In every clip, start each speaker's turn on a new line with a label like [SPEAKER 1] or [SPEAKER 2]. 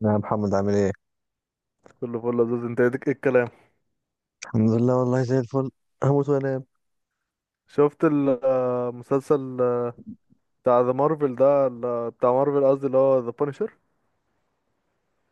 [SPEAKER 1] نعم، محمد عامل ايه؟
[SPEAKER 2] كله فل لذيذ، انت ايه الكلام؟
[SPEAKER 1] الحمد لله والله زي الفل. هموت وانام.
[SPEAKER 2] شفت المسلسل بتاع ذا مارفل ده بتاع مارفل، قصدي اللي هو ذا بانشر.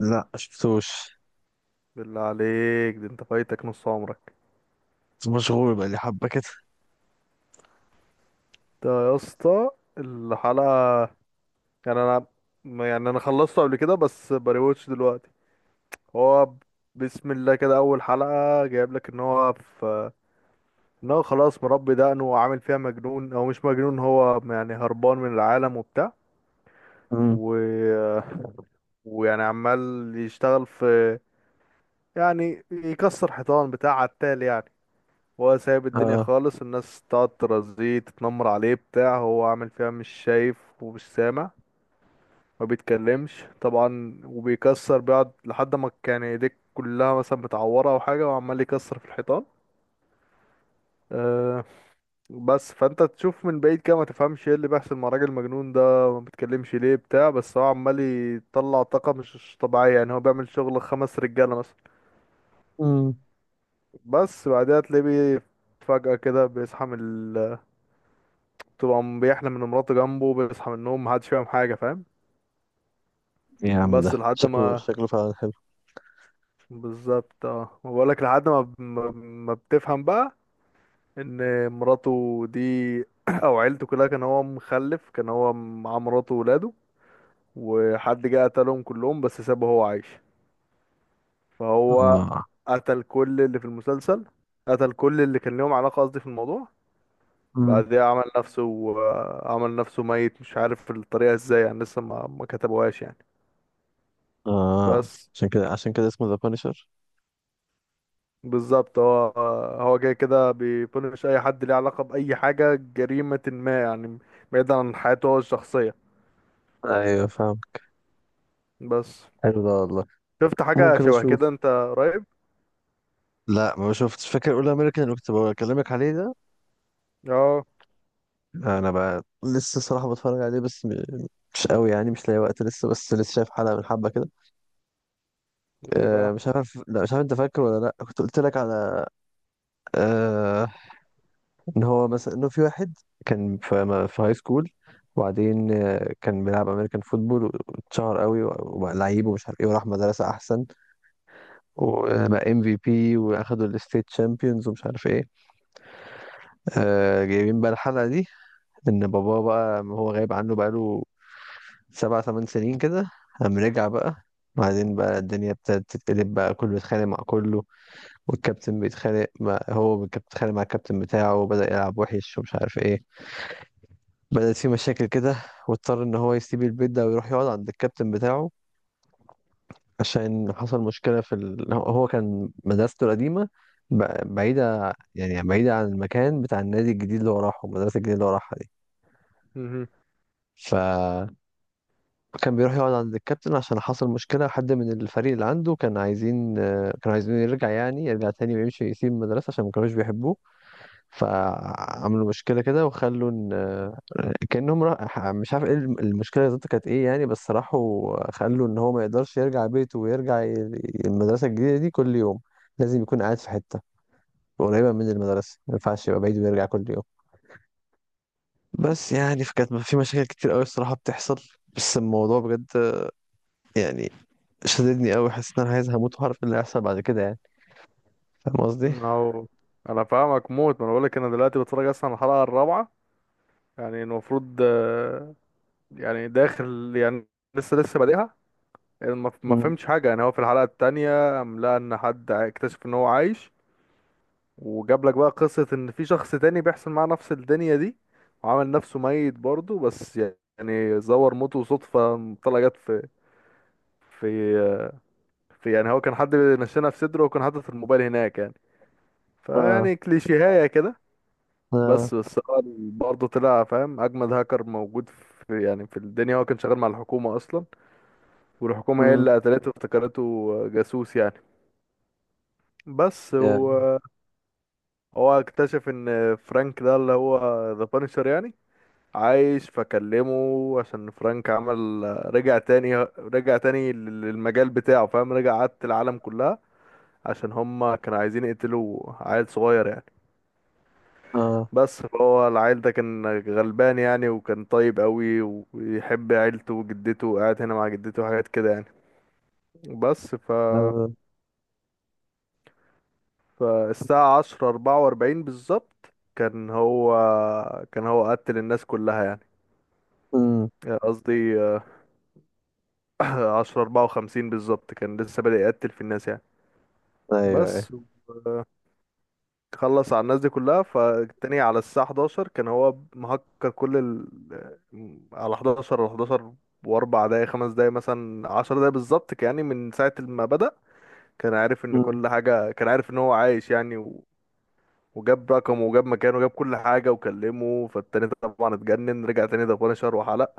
[SPEAKER 1] لا شفتوش.
[SPEAKER 2] بالله عليك، ده انت فايتك نص عمرك.
[SPEAKER 1] مشغول بقى لي حبة كده.
[SPEAKER 2] ده يا اسطى الحلقة، يعني انا يعني انا خلصته قبل كده بس بريوتش دلوقتي. هو ب- بسم الله كده اول حلقة جايب لك ان هو في، ان هو خلاص مربي دقنه وعامل فيها مجنون او مش مجنون، هو يعني هربان من العالم وبتاع
[SPEAKER 1] امم.
[SPEAKER 2] و... ويعني عمال يشتغل في، يعني يكسر حيطان بتاع عتال يعني. هو سايب الدنيا
[SPEAKER 1] اه
[SPEAKER 2] خالص، الناس تقعد ترازيه تتنمر عليه بتاع، هو عامل فيها مش شايف ومش سامع، ما بيتكلمش طبعا وبيكسر، بيقعد لحد ما كان ايديك كلها مثلا متعورة او حاجة وعمال يكسر في الحيطان. أه. بس فانت تشوف من بعيد كده ما تفهمش ايه اللي بيحصل مع الراجل المجنون ده. ما بيتكلمش ليه بتاع، بس هو عمال يطلع طاقة مش طبيعية، يعني هو بيعمل شغل خمس رجالة مثلا.
[SPEAKER 1] امم
[SPEAKER 2] بس بعدها تلاقيه فجأة كده بيصحى من تبقى بيحلم ان مراته جنبه، بيصحى من النوم محدش فاهم حاجة، فاهم؟
[SPEAKER 1] يا عم
[SPEAKER 2] بس
[SPEAKER 1] ده
[SPEAKER 2] لحد
[SPEAKER 1] شكله
[SPEAKER 2] ما،
[SPEAKER 1] شكله فعلا حلو
[SPEAKER 2] بالظبط اه، ما بقولك لحد ما بتفهم بقى ان مراته دي او عيلته كلها، كان هو مخلف، كان هو مع مراته وولاده، وحد جه قتلهم كلهم بس سابه هو عايش. فهو
[SPEAKER 1] اه.
[SPEAKER 2] قتل كل اللي في المسلسل، قتل كل اللي كان ليهم علاقة، قصدي في الموضوع.
[SPEAKER 1] امم.
[SPEAKER 2] بعدها عمل نفسه، عمل نفسه ميت، مش عارف الطريقة ازاي يعني، لسه ما كتبوهاش يعني.
[SPEAKER 1] اه.
[SPEAKER 2] بس
[SPEAKER 1] عشان كده اسمه ذا بانشر.
[SPEAKER 2] بالظبط. هو جاي كده بيبونش اي حد ليه علاقة بأي حاجة جريمة ما يعني، بعيدا عن حياته هو الشخصية.
[SPEAKER 1] ايوه فاهم.
[SPEAKER 2] بس
[SPEAKER 1] حلو ده والله.
[SPEAKER 2] شفت حاجة
[SPEAKER 1] ممكن
[SPEAKER 2] شبه
[SPEAKER 1] اشوف.
[SPEAKER 2] كده انت قريب؟
[SPEAKER 1] لا ما شفتش، فاكر اول امريكان اللي كنت بكلمك عليه ده؟
[SPEAKER 2] اه.
[SPEAKER 1] انا بقى لسه صراحة بتفرج عليه بس مش قوي يعني، مش لاقي وقت لسه، بس لسه شايف حلقة من حبة كده.
[SPEAKER 2] ايه
[SPEAKER 1] آه
[SPEAKER 2] بقى؟
[SPEAKER 1] مش عارف، لا مش عارف انت فاكر ولا لا، كنت قلت لك على آه ان هو مثلا انه في واحد كان في هاي سكول وبعدين كان بيلعب امريكان فوتبول واتشهر قوي وبقى لعيب ومش عارف ايه، وراح مدرسه احسن وبقى MVP واخدوا الستيت شامبيونز ومش عارف ايه. جايبين بقى الحلقه دي ان باباه بقى هو غايب عنه بقاله 7 8 سنين كده، قام رجع بقى. بعدين بقى الدنيا ابتدت تتقلب، بقى كله بيتخانق مع كله، والكابتن بيتخانق مع هو، والكابتن بيتخانق مع الكابتن بتاعه، وبدأ يلعب وحش ومش عارف ايه. بدأت في مشاكل كده، واضطر ان هو يسيب البيت ده ويروح يقعد عند الكابتن بتاعه عشان حصل مشكلة في هو كان مدرسته القديمة بعيدة، يعني بعيدة عن المكان بتاع النادي الجديد اللي هو راحه، المدرسة الجديدة اللي هو راحها دي.
[SPEAKER 2] مهم.
[SPEAKER 1] فكان بيروح يقعد عند الكابتن عشان حصل مشكلة، حد من الفريق اللي عنده كان عايزين كانوا عايزين يرجع، يعني يرجع تاني ويمشي يسيب المدرسة عشان ما كانوش بيحبوه. فعملوا مشكلة كده وخلوا إن كأنهم راح مش عارف ايه المشكلة بالظبط كانت ايه يعني. بس راحوا خلوا ان هو ما يقدرش يرجع بيته ويرجع المدرسة الجديدة دي كل يوم، لازم يكون قاعد في حتة قريبة من المدرسة، ما ينفعش يبقى بعيد ويرجع كل يوم. بس يعني فكانت في مشاكل كتير قوي الصراحة بتحصل، بس الموضوع بجد يعني شددني قوي، حسيت ان انا عايز هموت وهعرف ايه اللي هيحصل بعد كده يعني. فاهم قصدي؟
[SPEAKER 2] اهو. انا فاهمك موت، ما انا بقولك انا دلوقتي بتفرج اصلا على الحلقة الرابعة. يعني المفروض يعني داخل يعني، لسه بادئها. ما
[SPEAKER 1] مم.
[SPEAKER 2] فهمتش حاجة يعني. هو في الحلقة التانية قام لقى ان حد اكتشف ان هو عايش، وجاب لك بقى قصة ان في شخص تاني بيحصل معاه نفس الدنيا دي، وعمل نفسه ميت برضه، بس يعني زور موته صدفة. طلع جت في في يعني، هو كان حد نشنها في صدره وكان حاطط الموبايل هناك يعني،
[SPEAKER 1] اه.
[SPEAKER 2] فيعني كليشيهاية كده.
[SPEAKER 1] اه.
[SPEAKER 2] بس هو برضه طلع فاهم اجمد هاكر موجود في، يعني في الدنيا. هو كان شغال مع الحكومة اصلا، والحكومة هي
[SPEAKER 1] مم.
[SPEAKER 2] اللي قتلته وافتكرته جاسوس يعني. بس و،
[SPEAKER 1] يعني
[SPEAKER 2] هو اكتشف ان فرانك ده اللي هو ذا بانشر يعني عايش، فكلمه عشان فرانك عمل، رجع تاني للمجال بتاعه، فاهم، رجع عاد العالم كلها، عشان هما كانوا عايزين يقتلوا عيل صغير يعني.
[SPEAKER 1] اه.
[SPEAKER 2] بس فهو العيل ده كان غلبان يعني وكان طيب قوي، ويحب عيلته وجدته، وقاعد هنا مع جدته وحاجات كده يعني. بس ف،
[SPEAKER 1] آه.
[SPEAKER 2] فالساعة عشرة أربعة وأربعين بالظبط كان هو قتل الناس كلها يعني.
[SPEAKER 1] مم.
[SPEAKER 2] يعني قصدي عشرة أربعة وخمسين بالظبط كان لسه بادئ يقتل في الناس يعني.
[SPEAKER 1] ايوه
[SPEAKER 2] بس
[SPEAKER 1] ايوه.
[SPEAKER 2] خلص على الناس دي كلها. فالتاني على الساعة 11 كان هو مهكر كل ال... آه، على 11، على 11، وأربع دقايق، خمس دقايق مثلا، عشر دقايق بالظبط كان، يعني من ساعة ما بدأ كان عارف إن
[SPEAKER 1] مم.
[SPEAKER 2] كل حاجة، كان عارف إن هو عايش يعني وجاب رقمه وجاب مكانه وجاب كل حاجة وكلمه. فالتاني طبعا اتجنن، رجع تاني ده بونشر وحلق.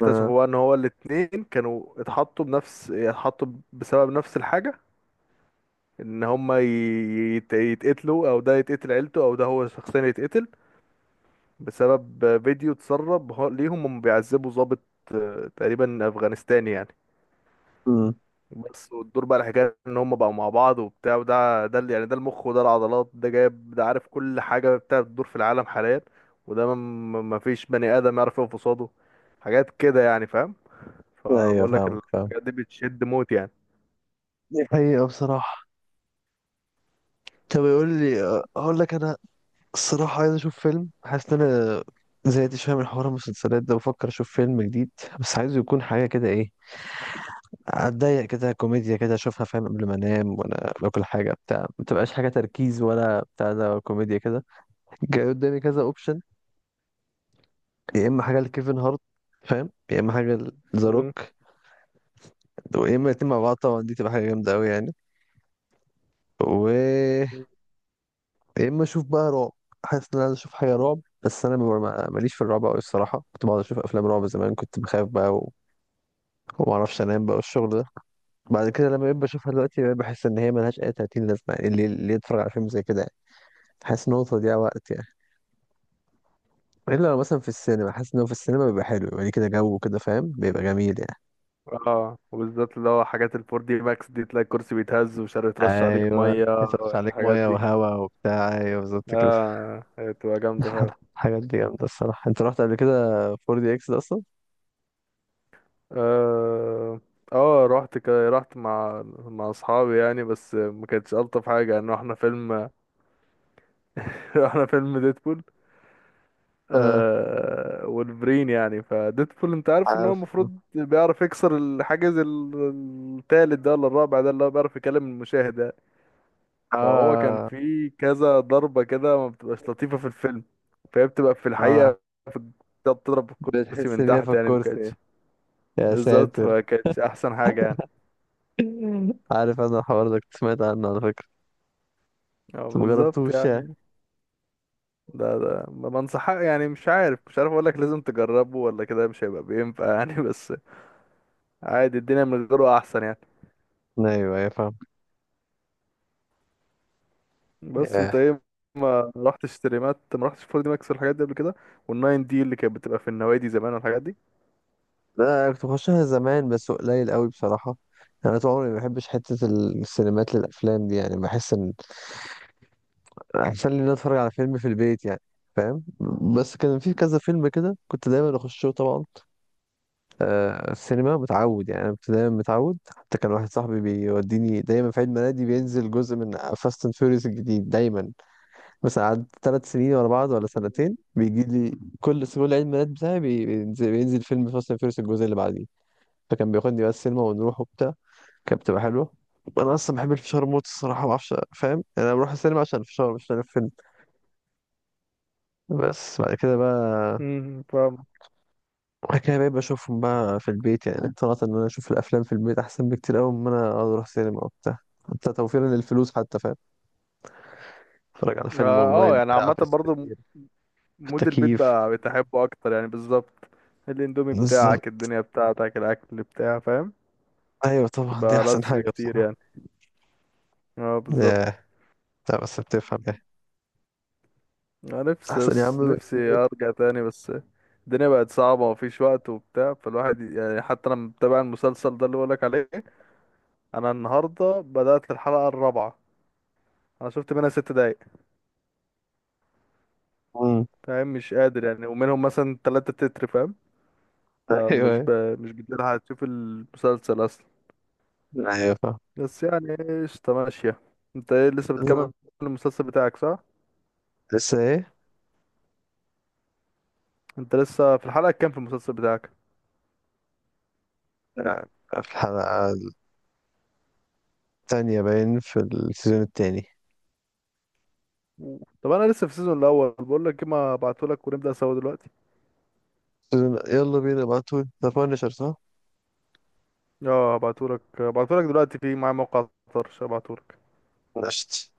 [SPEAKER 1] اه.
[SPEAKER 2] بقى ان هو الاتنين كانوا اتحطوا بنفس اتحطوا بسبب نفس الحاجة. ان هما يتقتلوا، او ده يتقتل عيلته، او ده هو شخصيا يتقتل، بسبب فيديو اتسرب ليهم. هم بيعذبوا ضابط تقريبا افغانستاني يعني.
[SPEAKER 1] مم.
[SPEAKER 2] بس والدور بقى، الحكاية ان هم بقوا مع بعض وبتاع. وده يعني ده المخ وده العضلات، ده جايب، ده عارف كل حاجة بتاع الدور في العالم حاليا. وده ما فيش بني آدم يعرف يقف قصاده، حاجات كده يعني، فاهم؟
[SPEAKER 1] ايوه
[SPEAKER 2] فبقول لك
[SPEAKER 1] فاهمك فاهمك.
[SPEAKER 2] الحاجات دي بتشد موت يعني.
[SPEAKER 1] دي حقيقة بصراحة. طب يقول لي، أقول لك أنا الصراحة عايز أشوف فيلم، حاسس إن أنا زهقت شوية من حوار المسلسلات ده، بفكر أشوف فيلم جديد بس عايزه يكون حاجة كده إيه، أتضايق كده، كوميديا كده أشوفها فاهم، قبل ما أنام وأنا باكل حاجة بتاع، ما تبقاش حاجة تركيز ولا بتاع، ده كوميديا كده. جاي قدامي كذا أوبشن، يا إما حاجة لكيفن هارت، فاهم، يا إما حاجة لذا
[SPEAKER 2] مم.
[SPEAKER 1] روك، يا إما الاتنين مع بعض، طبعا دي تبقى حاجة جامدة أوي يعني. و
[SPEAKER 2] مم.
[SPEAKER 1] يا اما اشوف بقى رعب، حاسس ان انا عايز اشوف حاجه رعب، بس انا ماليش في الرعب قوي الصراحه، كنت بقعد اشوف افلام رعب زمان، كنت بخاف بقى. وما اعرفش انام بقى والشغل ده. بعد كده لما بقيت بشوفها دلوقتي بقيت بحس ان هي ملهاش اي 30 لازمه يعني، اللي يتفرج على فيلم زي كده يعني. حاسس ان هو تضييع وقت يعني، الا لو مثلا في السينما، حاسس ان هو في السينما بيبقى حلو يعني، كده جو كده فاهم بيبقى جميل يعني.
[SPEAKER 2] اه، وبالذات اللي هو حاجات الفور دي ماكس دي، تلاقي الكرسي بيتهز ومش عارف يترش عليك
[SPEAKER 1] ايوه.
[SPEAKER 2] ميه.
[SPEAKER 1] يصرف عليك
[SPEAKER 2] الحاجات
[SPEAKER 1] ميه
[SPEAKER 2] دي،
[SPEAKER 1] وهواء وبتاع، ايوه بالظبط كده.
[SPEAKER 2] اه، هي بتبقى جامده فعلا.
[SPEAKER 1] الحاجات دي جامده الصراحه، انت رحت قبل كده 4 دي اكس ده اصلا؟
[SPEAKER 2] اه. اه، رحت رحت مع اصحابي يعني، بس ما كانتش الطف حاجه يعني. رحنا فيلم رحنا فيلم ديدبول.
[SPEAKER 1] اه
[SPEAKER 2] آه، والبرين يعني. فديدبول انت عارف ان هو
[SPEAKER 1] عارف.
[SPEAKER 2] المفروض بيعرف يكسر الحاجز التالت ده ولا الرابع ده، اللي هو بيعرف يكلم المشاهد يعني. فهو كان
[SPEAKER 1] اه.
[SPEAKER 2] في كذا ضربة كده ما بتبقاش لطيفة في الفيلم. فهي بتبقى في
[SPEAKER 1] اه
[SPEAKER 2] الحقيقة، في الكتاب، بتضرب الكرسي
[SPEAKER 1] بتحس
[SPEAKER 2] من
[SPEAKER 1] بيها في
[SPEAKER 2] تحت يعني، مكانتش
[SPEAKER 1] الكرسي، يا
[SPEAKER 2] بالظبط،
[SPEAKER 1] ساتر.
[SPEAKER 2] فكانتش أحسن حاجة يعني.
[SPEAKER 1] عارف انا الحوار ده كنت سمعت عنه على فكرة،
[SPEAKER 2] اه،
[SPEAKER 1] بس ما
[SPEAKER 2] بالظبط
[SPEAKER 1] جربتوش يعني.
[SPEAKER 2] يعني. ده ما بنصح يعني، مش عارف أقولك لازم تجربه ولا كده، مش هيبقى بينفع يعني بس عادي، الدنيا من غيره أحسن يعني.
[SPEAKER 1] ايوه ايوه فاهم.
[SPEAKER 2] بس
[SPEAKER 1] آه.
[SPEAKER 2] أنت إيه، ما رحتش تريمات، ما رحتش 4 دي ماكس والحاجات دي قبل كده، والناين دي اللي كانت بتبقى في النوادي زمان والحاجات دي؟
[SPEAKER 1] لا أنا كنت بخشها زمان بس قليل قوي بصراحة. يعني انا طول عمري ما بحبش حتة السينمات للافلام دي يعني، بحس ان احسن لي ان أنا اتفرج على فيلم في البيت يعني، فاهم. بس كان في كذا فيلم كده كنت دايما اخشه طبعا، السينما متعود يعني، انا دايما متعود. حتى كان واحد صاحبي بيوديني دايما في عيد ميلادي، بينزل جزء من فاست اند فيوريوس الجديد دايما، مثلا قعدت 3 سنين ورا بعض ولا سنتين بيجي لي كل عيد ميلاد بتاعي بينزل, فيلم فاست اند فيوريوس الجزء اللي بعديه. فكان بياخدني بقى السينما ونروح وبتاع، كانت بتبقى حلوه. انا اصلا بحب الفشار موت الصراحه، ما اعرفش فاهم يعني، انا بروح السينما عشان الفشار مش عشان الفيلم. بس بعد كده بقى،
[SPEAKER 2] فاهم.
[SPEAKER 1] بعد كده بقيت بشوفهم بقى في البيت يعني، اقتنعت ان انا اشوف الافلام في البيت احسن بكتير قوي من ان انا اقعد اروح سينما وبتاع، حتى توفيرا للفلوس حتى فاهم، اتفرج على
[SPEAKER 2] اه.
[SPEAKER 1] فيلم اونلاين
[SPEAKER 2] يعني
[SPEAKER 1] بتاع في
[SPEAKER 2] عامة برضو
[SPEAKER 1] السرير، في
[SPEAKER 2] مود البيت
[SPEAKER 1] التكييف،
[SPEAKER 2] بقى بتحبه اكتر يعني. بالظبط. الاندومي
[SPEAKER 1] بالظبط.
[SPEAKER 2] بتاعك، الدنيا بتاعتك، الاكل بتاع، فاهم؟
[SPEAKER 1] ايوه طبعا دي
[SPEAKER 2] تبقى لذ
[SPEAKER 1] احسن حاجه
[SPEAKER 2] بكتير
[SPEAKER 1] بصراحه.
[SPEAKER 2] يعني. اه بالظبط.
[SPEAKER 1] ياه. لا بس بتفهم ايه،
[SPEAKER 2] انا نفسي
[SPEAKER 1] احسن يا عم
[SPEAKER 2] نفسي
[SPEAKER 1] بك.
[SPEAKER 2] ارجع تاني، بس الدنيا بقت صعبة ومفيش وقت وبتاع. فالواحد يعني حتى انا متابع المسلسل ده اللي بقولك عليه، انا النهاردة بدأت الحلقة الرابعة، انا شفت منها 6 دقايق،
[SPEAKER 1] مم.
[SPEAKER 2] فاهم؟ مش قادر يعني، ومنهم مثلا تلاتة تتر، فاهم؟ فمش ب...
[SPEAKER 1] ايوه
[SPEAKER 2] مش بتلحق تشوف المسلسل اصلا.
[SPEAKER 1] ايوه فاهم.
[SPEAKER 2] بس يعني قشطة، ماشية. انت ايه، لسه بتكمل
[SPEAKER 1] بالظبط.
[SPEAKER 2] المسلسل بتاعك صح؟
[SPEAKER 1] لسه ايه؟
[SPEAKER 2] انت لسه في الحلقة كام في المسلسل بتاعك؟
[SPEAKER 1] لا، في الحلقه الثانيه باين، في السيزون الثاني.
[SPEAKER 2] طب انا لسه في السيزون الاول بقول لك ايه ما ابعتهولك ونبدأ سوا دلوقتي
[SPEAKER 1] يلا بينا، ابعتوا ذا بانشر صح؟
[SPEAKER 2] اه هبعتهولك هبعتهولك دلوقتي في معايا موقع طرش هبعتهولك
[SPEAKER 1] نشت.